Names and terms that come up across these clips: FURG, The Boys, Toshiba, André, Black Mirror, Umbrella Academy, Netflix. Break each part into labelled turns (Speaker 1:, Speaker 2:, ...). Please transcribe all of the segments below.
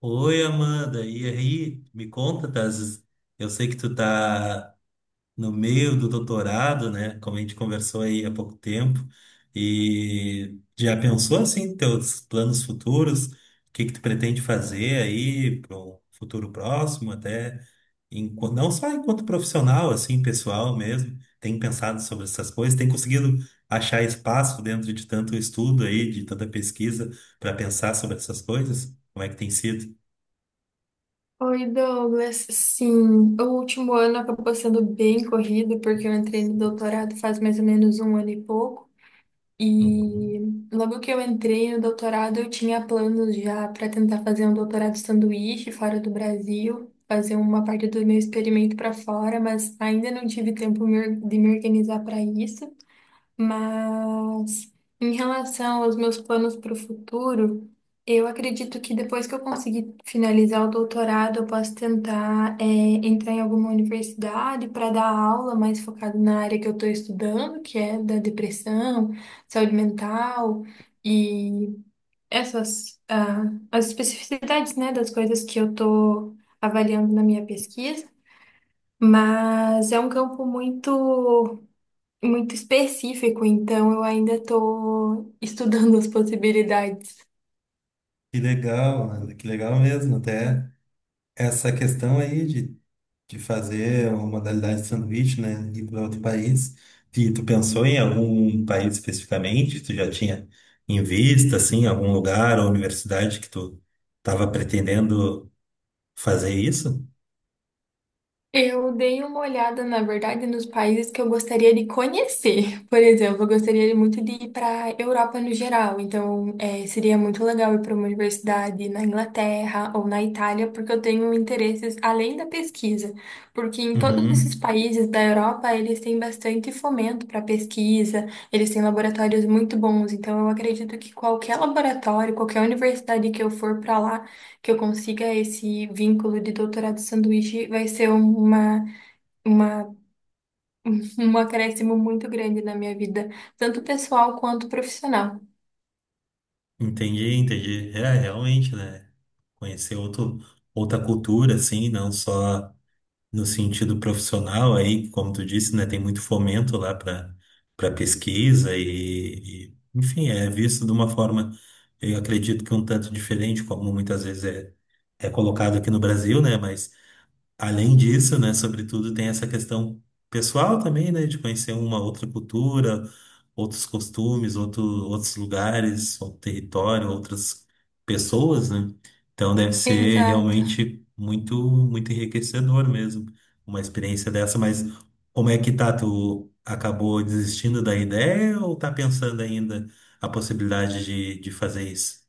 Speaker 1: Oi, Amanda, e aí? Me conta, tá? Eu sei que tu tá no meio do doutorado, né? Como a gente conversou aí há pouco tempo. E já pensou assim, teus planos futuros? O que que tu pretende fazer aí para um futuro próximo, até não só enquanto profissional, assim, pessoal mesmo. Tem pensado sobre essas coisas? Tem conseguido achar espaço dentro de tanto estudo aí, de tanta pesquisa, para pensar sobre essas coisas? Como é que tem sido?
Speaker 2: Oi, Douglas. Sim, o último ano acabou sendo bem corrido, porque eu entrei no doutorado faz mais ou menos um ano e pouco. E
Speaker 1: Uhum.
Speaker 2: logo que eu entrei no doutorado, eu tinha planos já para tentar fazer um doutorado sanduíche fora do Brasil, fazer uma parte do meu experimento para fora, mas ainda não tive tempo de me organizar para isso. Mas em relação aos meus planos para o futuro, eu acredito que depois que eu conseguir finalizar o doutorado, eu posso tentar, entrar em alguma universidade para dar aula mais focada na área que eu estou estudando, que é da depressão, saúde mental e essas, ah, as especificidades, né, das coisas que eu estou avaliando na minha pesquisa. Mas é um campo muito específico, então eu ainda estou estudando as possibilidades.
Speaker 1: Que legal, Ana, que legal mesmo. Até essa questão aí de fazer uma modalidade de sanduíche, né? Ir para outro país. E tu pensou em algum país especificamente? Tu já tinha em vista, assim, algum lugar ou universidade que tu estava pretendendo fazer isso?
Speaker 2: Eu dei uma olhada, na verdade, nos países que eu gostaria de conhecer. Por exemplo, eu gostaria muito de ir para Europa no geral. Então, seria muito legal ir para uma universidade na Inglaterra ou na Itália, porque eu tenho interesses além da pesquisa. Porque em todos esses
Speaker 1: Uhum.
Speaker 2: países da Europa, eles têm bastante fomento para pesquisa, eles têm laboratórios muito bons. Então, eu acredito que qualquer laboratório, qualquer universidade que eu for para lá, que eu consiga esse vínculo de doutorado sanduíche vai ser uma, um acréscimo muito grande na minha vida, tanto pessoal quanto profissional.
Speaker 1: Entendi, entendi. É, realmente, né? Conhecer outro, outra cultura, assim, não só no sentido profissional aí, como tu disse, né, tem muito fomento lá para pesquisa e enfim, é visto de uma forma, eu acredito que um tanto diferente, como muitas vezes é, é colocado aqui no Brasil, né, mas além disso, né, sobretudo tem essa questão pessoal também, né, de conhecer uma outra cultura, outros costumes, outro, outros lugares, outro território, outras pessoas, né? Então deve ser
Speaker 2: Exato.
Speaker 1: realmente muito, muito enriquecedor mesmo, uma experiência dessa. Mas como é que tá? Tu acabou desistindo da ideia ou tá pensando ainda a possibilidade de fazer isso?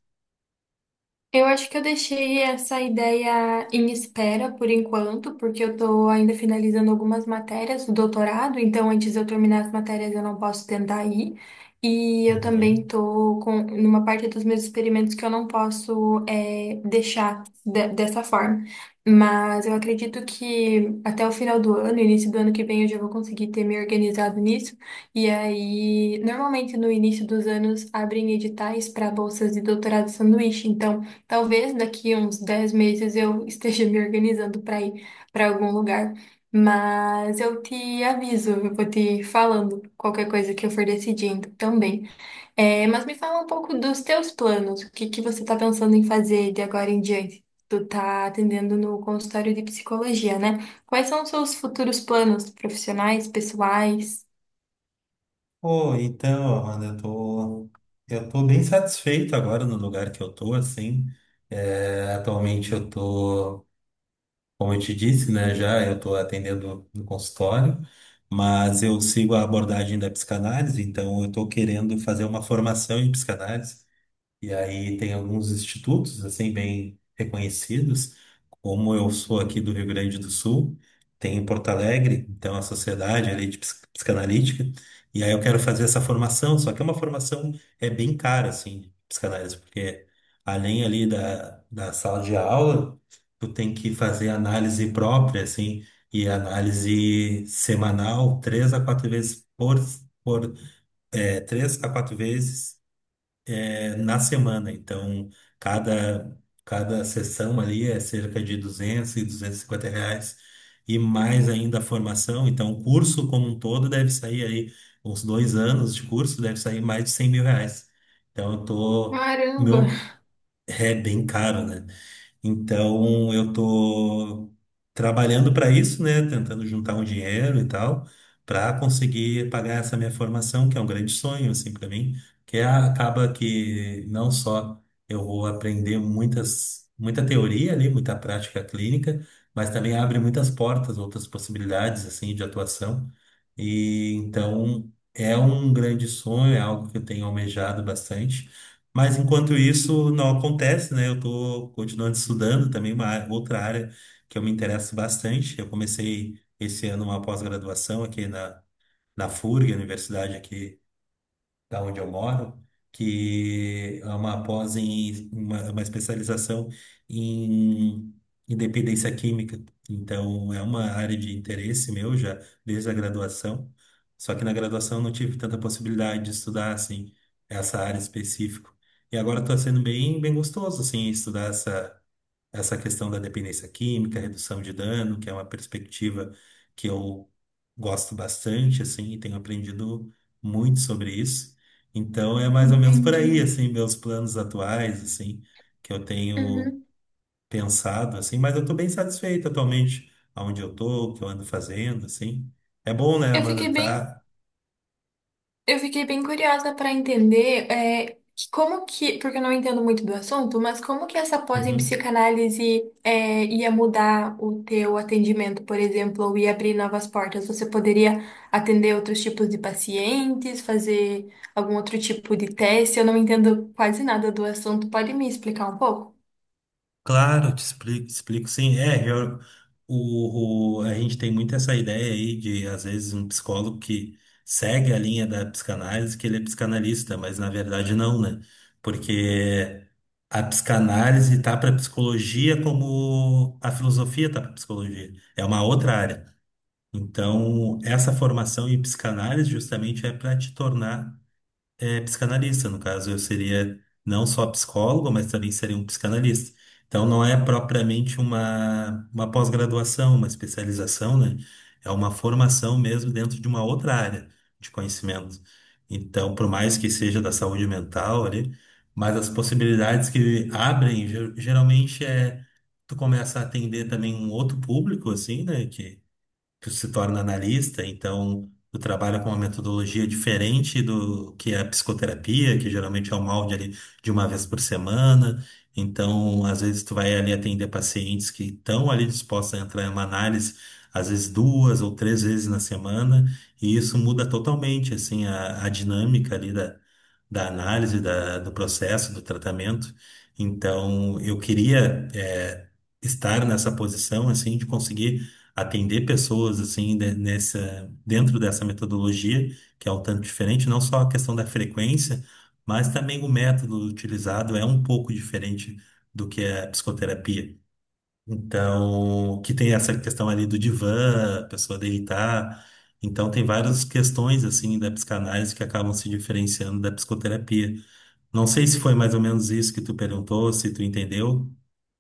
Speaker 2: Eu acho que eu deixei essa ideia em espera por enquanto, porque eu estou ainda finalizando algumas matérias do doutorado, então antes de eu terminar as matérias eu não posso tentar ir. E eu também
Speaker 1: Uhum.
Speaker 2: estou com numa parte dos meus experimentos que eu não posso deixar dessa forma. Mas eu acredito que até o final do ano, início do ano que vem, eu já vou conseguir ter me organizado nisso. E aí, normalmente no início dos anos abrem editais para bolsas de doutorado sanduíche. Então talvez daqui uns 10 meses eu esteja me organizando para ir para algum lugar, mas eu te aviso, eu vou te falando qualquer coisa que eu for decidindo também. É, mas me fala um pouco dos teus planos, o que que você está pensando em fazer de agora em diante? Tu tá atendendo no consultório de psicologia, né? Quais são os seus futuros planos profissionais, pessoais?
Speaker 1: Pô, então, Amanda, eu tô bem satisfeito agora no lugar que eu tô, assim. É, atualmente eu tô, como eu te disse, né, já eu tô atendendo no consultório, mas eu sigo a abordagem da psicanálise, então eu tô querendo fazer uma formação em psicanálise. E aí tem alguns institutos, assim, bem reconhecidos, como eu sou aqui do Rio Grande do Sul, tem em Porto Alegre, então a Sociedade ali de Psicanalítica, e aí eu quero fazer essa formação, só que é uma formação é bem cara, assim, de psicanálise, porque além ali da, da sala de aula, tu tem que fazer análise própria, assim, e análise semanal, por três a quatro vezes é, na semana. Então, cada, cada sessão ali é cerca de R$ 200 a R$ 250. E mais ainda a formação. Então, o curso como um todo deve sair aí, uns 2 anos de curso, deve sair mais de R$ 100.000. Então, eu tô. O
Speaker 2: Caramba,
Speaker 1: meu é bem caro, né? Então, eu tô trabalhando para isso, né? Tentando juntar um dinheiro e tal, para conseguir pagar essa minha formação, que é um grande sonho, assim, para mim, que é, acaba que não só eu vou aprender muita teoria ali, muita prática clínica, mas também abre muitas portas, outras possibilidades, assim, de atuação. E então, é um grande sonho, é algo que eu tenho almejado bastante. Mas enquanto isso não acontece, né? Eu tô continuando estudando também uma outra área que eu me interesso bastante. Eu comecei esse ano uma pós-graduação aqui na FURG, a universidade aqui da onde eu moro, que é uma pós em uma especialização em independência química. Então, é uma área de interesse meu já desde a graduação. Só que na graduação eu não tive tanta possibilidade de estudar assim essa área específica. E agora está sendo bem gostoso assim estudar essa questão da dependência química, redução de dano, que é uma perspectiva que eu gosto bastante, assim, e tenho aprendido muito sobre isso. Então é mais ou menos por aí,
Speaker 2: entendi.
Speaker 1: assim, meus planos atuais, assim, que eu tenho
Speaker 2: Uhum.
Speaker 1: pensado, assim, mas eu estou bem satisfeito atualmente aonde eu estou, o que eu ando fazendo, assim. É bom, né,
Speaker 2: Eu
Speaker 1: Amanda,
Speaker 2: fiquei bem
Speaker 1: tá?
Speaker 2: Eu fiquei bem curiosa para entender que como que, porque eu não entendo muito do assunto, mas como que essa pós em
Speaker 1: Uhum.
Speaker 2: psicanálise ia mudar o teu atendimento, por exemplo, ou ia abrir novas portas? Você poderia atender outros tipos de pacientes, fazer algum outro tipo de teste? Eu não entendo quase nada do assunto. Pode me explicar um pouco?
Speaker 1: Claro, te explico sim. O, a gente tem muito essa ideia aí de, às vezes, um psicólogo que segue a linha da psicanálise, que ele é psicanalista, mas na verdade não, né? Porque a psicanálise tá para psicologia como a filosofia tá para psicologia. É uma outra área. Então, essa formação em psicanálise justamente é para te tornar psicanalista, no caso, eu seria não só psicólogo, mas também seria um psicanalista. Então, não é propriamente uma pós-graduação, uma especialização, né? É uma formação mesmo dentro de uma outra área de conhecimento. Então, por mais que seja da saúde mental ali, mas as possibilidades que abrem, geralmente é tu começa a atender também um outro público, assim, né? Que tu se torna analista, então tu trabalha com uma metodologia diferente do que é a psicoterapia, que geralmente é um molde ali de uma vez por semana. Então, às vezes tu vai ali atender pacientes que estão ali dispostos a entrar em uma análise, às vezes duas ou três vezes na semana, e isso muda totalmente assim a dinâmica ali da análise do processo, do tratamento. Então, eu queria estar nessa posição, assim, de conseguir atender pessoas, assim, nessa, dentro dessa metodologia, que é um tanto diferente, não só a questão da frequência, mas também o método utilizado é um pouco diferente do que é a psicoterapia. Então, que tem essa questão ali do divã, a pessoa deitar. Então, tem várias questões, assim, da psicanálise que acabam se diferenciando da psicoterapia. Não sei se foi mais ou menos isso que tu perguntou, se tu entendeu.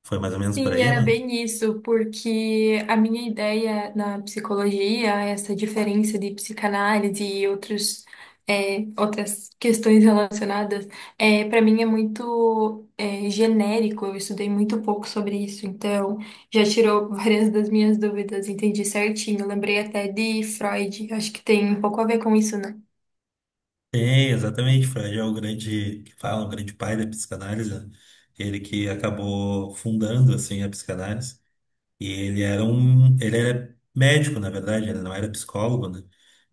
Speaker 1: Foi mais ou menos por
Speaker 2: Sim,
Speaker 1: aí,
Speaker 2: era
Speaker 1: mano?
Speaker 2: bem isso, porque a minha ideia na psicologia, essa diferença de psicanálise e outros, outras questões relacionadas, para mim é muito, genérico, eu estudei muito pouco sobre isso, então já tirou várias das minhas dúvidas, entendi certinho, lembrei até de Freud, acho que tem um pouco a ver com isso, né?
Speaker 1: Tem, exatamente. Freud é o grande, que fala, o grande pai da psicanálise, né? Ele que acabou fundando, assim, a psicanálise. E ele era um, ele era médico, na verdade, ele não era psicólogo, né?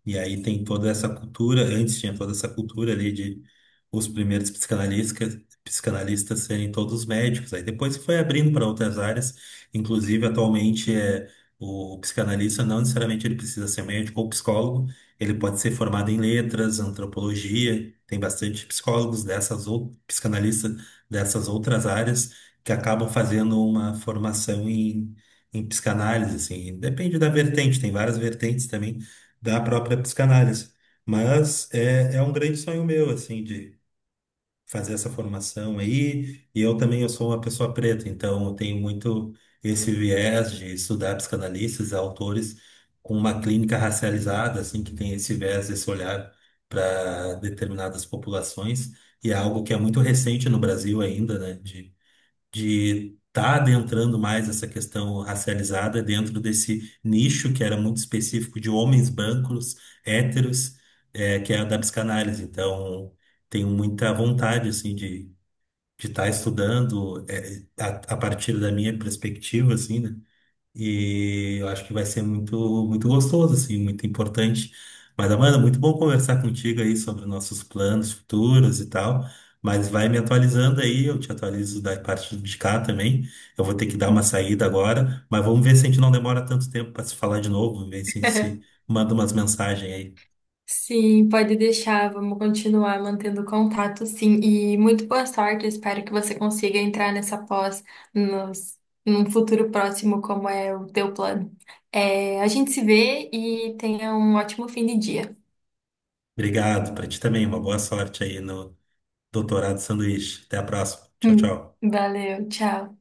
Speaker 1: E aí tem toda essa cultura, antes tinha toda essa cultura ali de os primeiros psicanalistas serem todos médicos. Aí depois foi abrindo para outras áreas, inclusive atualmente é o psicanalista não necessariamente ele precisa ser médico ou psicólogo, ele pode ser formado em letras, antropologia, tem bastante psicólogos dessas ou psicanalistas dessas outras áreas que acabam fazendo uma formação em psicanálise, assim, depende da vertente, tem várias vertentes também da própria psicanálise. É um grande sonho meu, assim, de fazer essa formação aí. E eu também eu sou uma pessoa preta, então eu tenho muito esse viés de estudar psicanalistas, autores com uma clínica racializada, assim, que tem esse viés, esse olhar para determinadas populações. E é algo que é muito recente no Brasil ainda, né? De estar adentrando mais essa questão racializada dentro desse nicho que era muito específico de homens brancos, héteros, que é a da psicanálise. Então, tenho muita vontade, assim, de estar estudando a partir da minha perspectiva, assim, né? E eu acho que vai ser muito, muito gostoso, assim, muito importante. Mas, Amanda, muito bom conversar contigo aí sobre nossos planos futuros e tal. Mas vai me atualizando aí, eu te atualizo da parte de cá também. Eu vou ter que dar uma saída agora, mas vamos ver se a gente não demora tanto tempo para se falar de novo, ver se a gente se manda umas mensagens aí.
Speaker 2: Sim, pode deixar. Vamos continuar mantendo contato, sim. E muito boa sorte. Eu Espero que você consiga entrar nessa nos, num futuro próximo, como é o teu plano. É, a gente se vê e tenha um ótimo fim de dia.
Speaker 1: Obrigado, para ti também, uma boa sorte aí no doutorado sanduíche. Até a próxima. Tchau, tchau.
Speaker 2: Valeu, tchau.